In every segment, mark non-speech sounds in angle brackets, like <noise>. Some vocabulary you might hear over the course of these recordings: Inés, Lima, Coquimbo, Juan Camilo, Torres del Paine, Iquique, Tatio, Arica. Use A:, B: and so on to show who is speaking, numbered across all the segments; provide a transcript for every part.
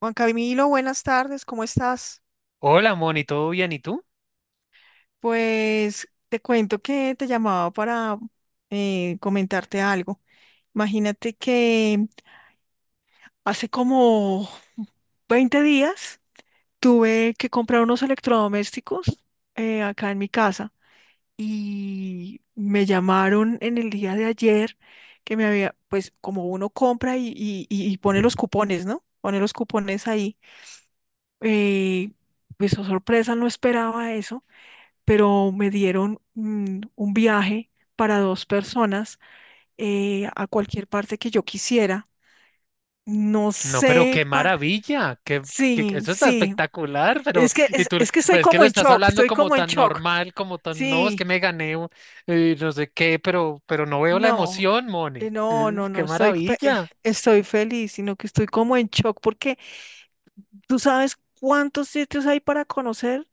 A: Juan Camilo, buenas tardes, ¿cómo estás?
B: Hola, Moni, ¿todo bien? ¿Y tú?
A: Pues te cuento que te llamaba para comentarte algo. Imagínate que hace como 20 días tuve que comprar unos electrodomésticos acá en mi casa y me llamaron en el día de ayer que me había, pues como uno compra y pone los cupones, ¿no? Pone los cupones ahí. eh, pues oh, sorpresa, no esperaba eso, pero me dieron un viaje para dos personas a cualquier parte que yo quisiera. No
B: No, pero
A: sé,
B: qué maravilla,
A: sí,
B: eso está
A: sí,
B: espectacular, pero
A: es que,
B: y
A: es,
B: tú,
A: es que estoy
B: pues es que lo
A: como en
B: estás
A: shock,
B: hablando
A: estoy
B: como
A: como en
B: tan
A: shock.
B: normal, como tan, no, es que
A: Sí,
B: me gané, no sé qué, pero no veo la
A: no,
B: emoción, Moni,
A: no, no,
B: Qué
A: no, estoy,
B: maravilla.
A: estoy feliz, sino que estoy como en shock porque tú sabes cuántos sitios hay para conocer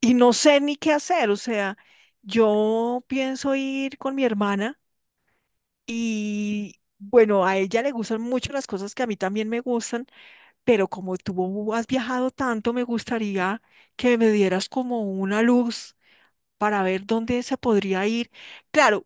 A: y no sé ni qué hacer, o sea, yo pienso ir con mi hermana. Y bueno, a ella le gustan mucho las cosas que a mí también me gustan, pero como tú has viajado tanto, me gustaría que me dieras como una luz para ver dónde se podría ir. Claro,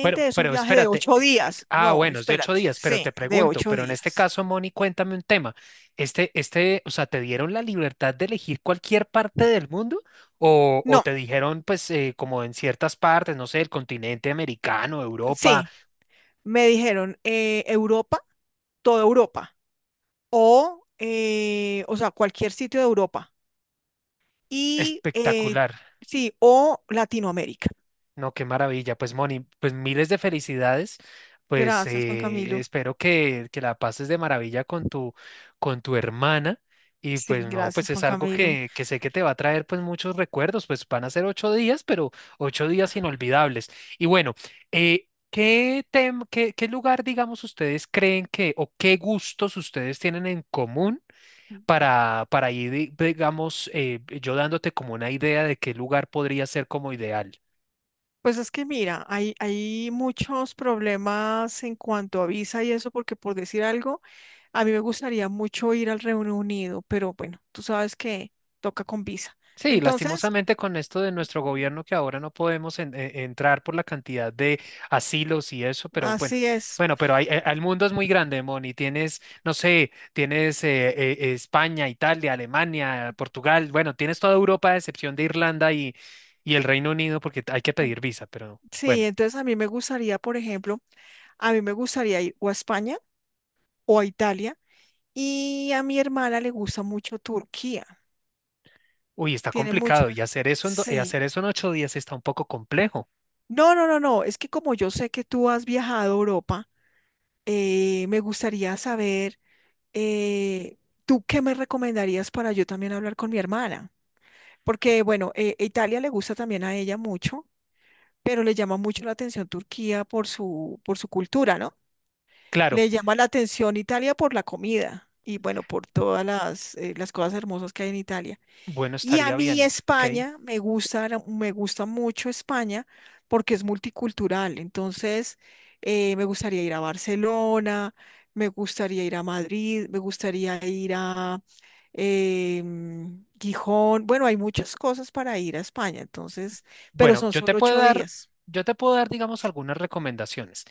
B: Pero,
A: es un
B: pero
A: viaje de
B: espérate,
A: ocho días. No,
B: bueno, es de ocho
A: espérate,
B: días, pero
A: sí,
B: te
A: de
B: pregunto,
A: ocho
B: pero en este
A: días.
B: caso, Moni, cuéntame un tema. Este, o sea, ¿te dieron la libertad de elegir cualquier parte del mundo? ¿O
A: No,
B: te dijeron, pues, como en ciertas partes, no sé, el continente americano, Europa?
A: sí, me dijeron Europa, toda Europa, o sea, cualquier sitio de Europa, y
B: Espectacular.
A: sí, o Latinoamérica.
B: No, qué maravilla. Pues Moni, pues miles de felicidades. Pues
A: Gracias, Juan Camilo.
B: espero que la pases de maravilla con tu hermana. Y
A: Sí,
B: pues no, pues
A: gracias,
B: es
A: Juan
B: algo
A: Camilo.
B: que sé que te va a traer pues muchos recuerdos. Pues van a ser 8 días, pero 8 días inolvidables. Y bueno, ¿qué lugar, digamos, ustedes creen que o qué gustos ustedes tienen en común para ir, digamos, yo dándote como una idea de qué lugar podría ser como ideal?
A: Pues es que mira, hay muchos problemas en cuanto a visa y eso, porque por decir algo, a mí me gustaría mucho ir al Reino Unido, pero bueno, tú sabes que toca con visa.
B: Sí,
A: Entonces,
B: lastimosamente con esto de nuestro gobierno que ahora no podemos entrar por la cantidad de asilos y eso, pero bueno,
A: así es.
B: bueno, pero el mundo es muy grande, Moni. Tienes, no sé, tienes España, Italia, Alemania, Portugal, bueno, tienes toda Europa a excepción de Irlanda y el Reino Unido porque hay que pedir visa, pero
A: Sí,
B: bueno,
A: entonces a mí me gustaría, por ejemplo, a mí me gustaría ir o a España o a Italia, y a mi hermana le gusta mucho Turquía.
B: uy, está
A: Tiene mucha,
B: complicado y hacer eso
A: sí.
B: en 8 días está un poco complejo.
A: No, no, no, no. Es que como yo sé que tú has viajado a Europa, me gustaría saber, eh, ¿tú qué me recomendarías para yo también hablar con mi hermana? Porque, bueno, Italia le gusta también a ella mucho, pero le llama mucho la atención Turquía por su cultura, ¿no?
B: Claro,
A: Le llama la atención Italia por la comida y, bueno, por todas las cosas hermosas que hay en Italia.
B: bueno,
A: Y a
B: estaría
A: mí
B: bien, ok.
A: España, me gusta mucho España porque es multicultural. Entonces, me gustaría ir a Barcelona, me gustaría ir a Madrid, me gustaría ir a Gijón. Bueno, hay muchas cosas para ir a España, entonces, pero
B: Bueno,
A: son
B: yo te
A: solo
B: puedo
A: ocho
B: dar,
A: días.
B: yo te puedo dar, digamos, algunas recomendaciones.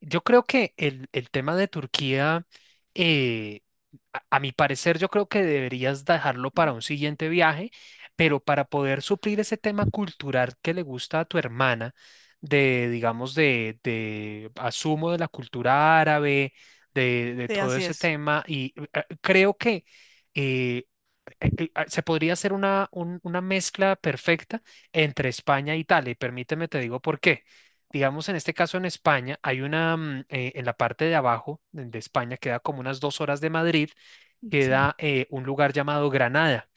B: Yo creo que el tema de Turquía, eh, a mi parecer, yo creo que deberías dejarlo para un siguiente viaje, pero para poder suplir ese tema cultural que le gusta a tu hermana, de, digamos, de asumo de la cultura árabe, de
A: Sí,
B: todo
A: así
B: ese
A: es.
B: tema, y creo que. Eh, eh, eh, ah, se podría hacer una mezcla perfecta entre España e Italia, y permíteme te digo por qué. Digamos, en este caso en España, hay en la parte de abajo de España, queda como unas 2 horas de Madrid,
A: Sí.
B: queda un lugar llamado Granada.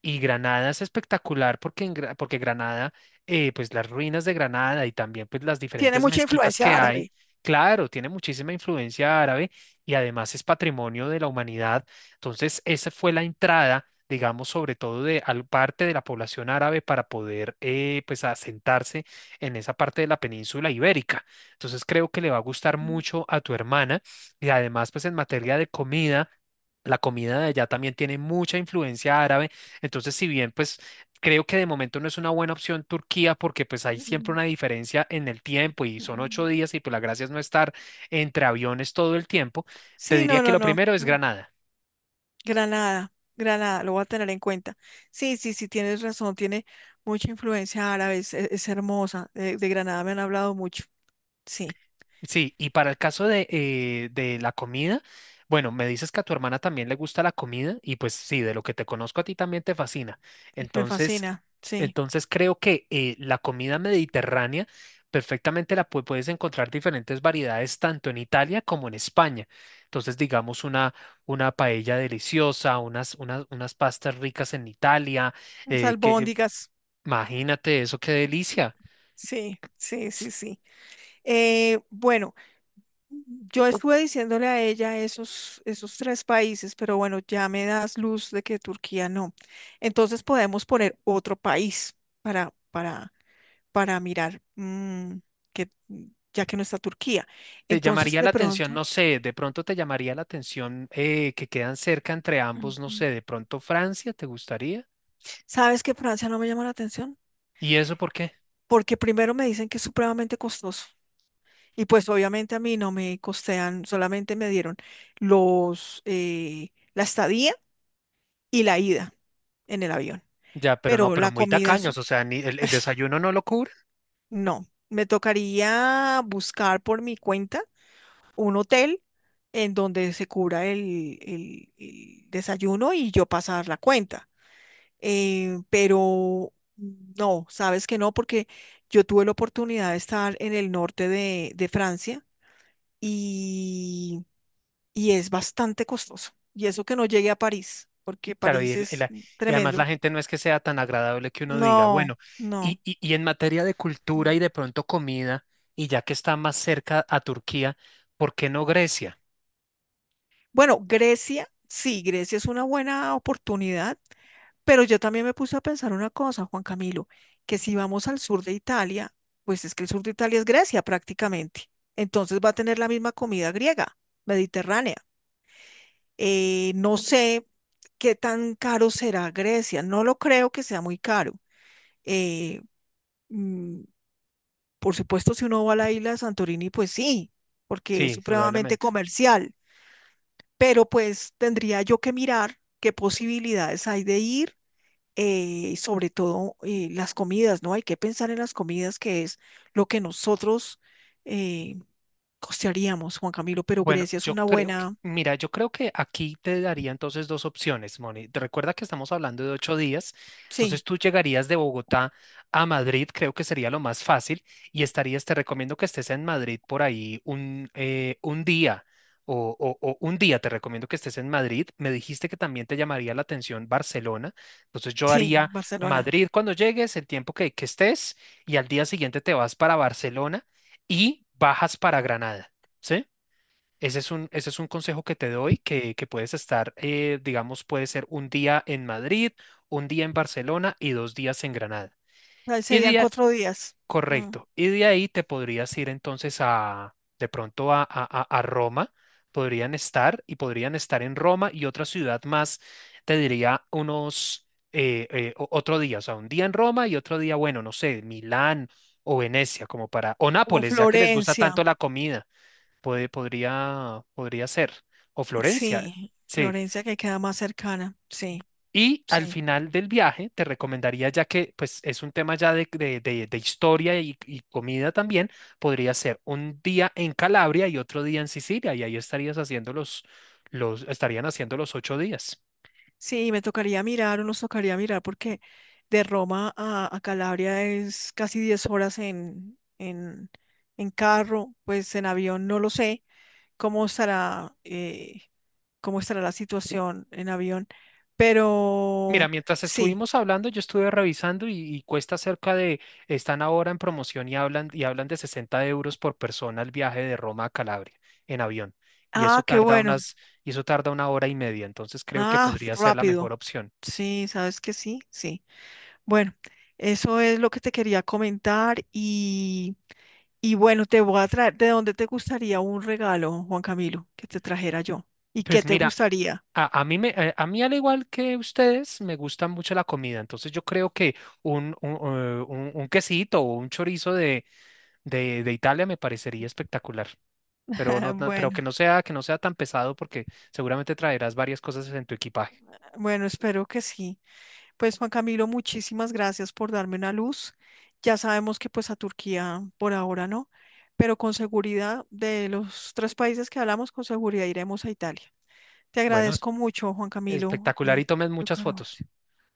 B: Y Granada es espectacular porque Granada, pues las ruinas de Granada y también pues las
A: Tiene
B: diferentes
A: mucha
B: mezquitas
A: influencia
B: que hay,
A: árabe.
B: claro, tiene muchísima influencia árabe y además es patrimonio de la humanidad. Entonces, esa fue la entrada, digamos, sobre todo de parte de la población árabe para poder pues asentarse en esa parte de la península ibérica. Entonces, creo que le va a gustar
A: Mm,
B: mucho a tu hermana y además pues en materia de comida. La comida de allá también tiene mucha influencia árabe, entonces, si bien, pues creo que de momento no es una buena opción Turquía porque pues hay siempre
A: mm,
B: una diferencia en el tiempo y
A: mm,
B: son ocho
A: mm.
B: días y pues la gracia es no estar entre aviones todo el tiempo, te
A: Sí,
B: diría
A: no,
B: que
A: no,
B: lo
A: no.
B: primero es
A: Mm.
B: Granada.
A: Granada, Granada, lo voy a tener en cuenta. Sí, sí, sí, tienes razón, tiene mucha influencia árabe, es hermosa. De Granada me han hablado mucho. Sí,
B: Sí, y para el caso de la comida, bueno, me dices que a tu hermana también le gusta la comida y pues sí, de lo que te conozco a ti también te fascina.
A: me
B: Entonces,
A: fascina, sí.
B: entonces creo que la comida mediterránea perfectamente la puedes encontrar diferentes variedades tanto en Italia como en España. Entonces, digamos una paella deliciosa, unas pastas ricas en Italia,
A: Las
B: que
A: albóndigas,
B: imagínate eso, qué delicia.
A: sí, sí, sí, sí. Bueno, yo estuve diciéndole a ella esos, esos 3 países, pero bueno, ya me das luz de que Turquía no. Entonces podemos poner otro país para, para para mirar que mm, ya que no está Turquía.
B: Te
A: Entonces,
B: llamaría
A: de
B: la atención,
A: pronto,
B: no sé, de pronto te llamaría la atención que quedan cerca entre ambos, no
A: ujú,
B: sé, de pronto Francia, ¿te gustaría?
A: ¿sabes que Francia no me llama la atención?
B: ¿Y eso por qué?
A: Porque primero me dicen que es supremamente costoso. Y pues obviamente a mí no me costean, solamente me dieron los la estadía y la ida en el avión.
B: Ya, pero no,
A: Pero
B: pero
A: la
B: muy
A: comida,
B: tacaños,
A: eso
B: o sea, ni el desayuno no lo cubre,
A: no. Me tocaría buscar por mi cuenta un hotel en donde se cubra el desayuno y yo pasar la cuenta. Pero no, sabes que no, porque yo tuve la oportunidad de estar en el norte de Francia y, y es bastante costoso. Y eso que no llegué a París, porque
B: claro,
A: París es
B: y además la
A: tremendo.
B: gente no es que sea tan agradable que uno diga,
A: No,
B: bueno,
A: no.
B: y en materia de cultura y de pronto comida, y ya que está más cerca a Turquía, ¿por qué no Grecia?
A: Bueno, Grecia, sí, Grecia es una buena oportunidad. Pero yo también me puse a pensar una cosa, Juan Camilo, que si vamos al sur de Italia, pues es que el sur de Italia es Grecia prácticamente. Entonces va a tener la misma comida griega, mediterránea. No sé qué tan caro será Grecia. No lo creo que sea muy caro. Eh, mm, por supuesto, si uno va a la isla de Santorini, pues sí, porque es
B: Sí,
A: supremamente
B: indudablemente.
A: comercial. Pero pues tendría yo que mirar qué posibilidades hay de ir sobre todo las comidas, ¿no? Hay que pensar en las comidas, que es lo que nosotros eh, costearíamos, Juan Camilo, pero
B: Bueno,
A: Grecia es
B: yo
A: una
B: creo que,
A: buena,
B: mira, yo creo que aquí te daría entonces dos opciones, Moni. Te recuerda que estamos hablando de 8 días, entonces
A: sí,
B: tú llegarías de Bogotá a Madrid, creo que sería lo más fácil, y estarías, te recomiendo que estés en Madrid por ahí un día, o un día te recomiendo que estés en Madrid. Me dijiste que también te llamaría la atención Barcelona, entonces yo
A: sí,
B: haría
A: Barcelona.
B: Madrid cuando llegues, el tiempo que estés, y al día siguiente te vas para Barcelona y bajas para Granada. ¿Sí? Ese es un consejo que te doy, que puedes estar, digamos, puede ser un día en Madrid, un día en Barcelona y 2 días en Granada.
A: Ahí
B: Y
A: serían
B: día,
A: cuatro días, mm,
B: correcto. Y de ahí te podrías ir entonces a, de pronto a Roma. Podrían estar en Roma y otra ciudad más, te diría otro día, o sea, un día en Roma y otro día, bueno, no sé, Milán o Venecia, como para, o
A: como
B: Nápoles, ya que les gusta
A: Florencia,
B: tanto la comida podría ser, o Florencia,
A: sí,
B: sí.
A: Florencia que queda más cercana, sí,
B: Y al
A: sí,
B: final del viaje te recomendaría, ya que pues es un tema ya de historia y comida también, podría ser un día en Calabria y otro día en Sicilia, y ahí estarías haciendo los, estarían haciendo los 8 días.
A: sí, me tocaría mirar o nos tocaría mirar porque de Roma a Calabria es casi 10 horas en carro, pues en avión no lo sé cómo estará, eh, cómo estará la situación en avión.
B: Mira,
A: Pero
B: mientras
A: sí.
B: estuvimos hablando, yo estuve revisando y cuesta cerca de, están ahora en promoción y hablan de 60 euros por persona el viaje de Roma a Calabria en avión. Y eso
A: Ah, qué
B: tarda
A: bueno.
B: unas, y eso tarda una hora y media, entonces creo que
A: Ah,
B: podría ser la mejor
A: rápido.
B: opción.
A: Sí, sabes que sí, sí. Bueno, eso es lo que te quería comentar y bueno, te voy a traer, ¿de dónde te gustaría un regalo, Juan Camilo, que te trajera yo? ¿Y qué
B: Pues
A: te
B: mira,
A: gustaría?
B: a mí al igual que ustedes, me gusta mucho la comida, entonces yo creo que un quesito o un chorizo de Italia me parecería espectacular.
A: <laughs>
B: Pero pero
A: Bueno,
B: que no sea tan pesado porque seguramente traerás varias cosas en tu equipaje.
A: bueno, espero que sí. Pues Juan Camilo, muchísimas gracias por darme una luz. Ya sabemos que pues a Turquía por ahora no, pero con seguridad de los 3 países que hablamos, con seguridad iremos a Italia. Te
B: Bueno,
A: agradezco mucho, Juan Camilo,
B: espectacular y tomes
A: tu
B: muchas fotos.
A: colaboración.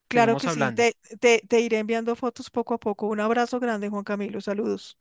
A: Claro
B: Seguimos
A: que sí,
B: hablando.
A: te iré enviando fotos poco a poco. Un abrazo grande, Juan Camilo. Saludos.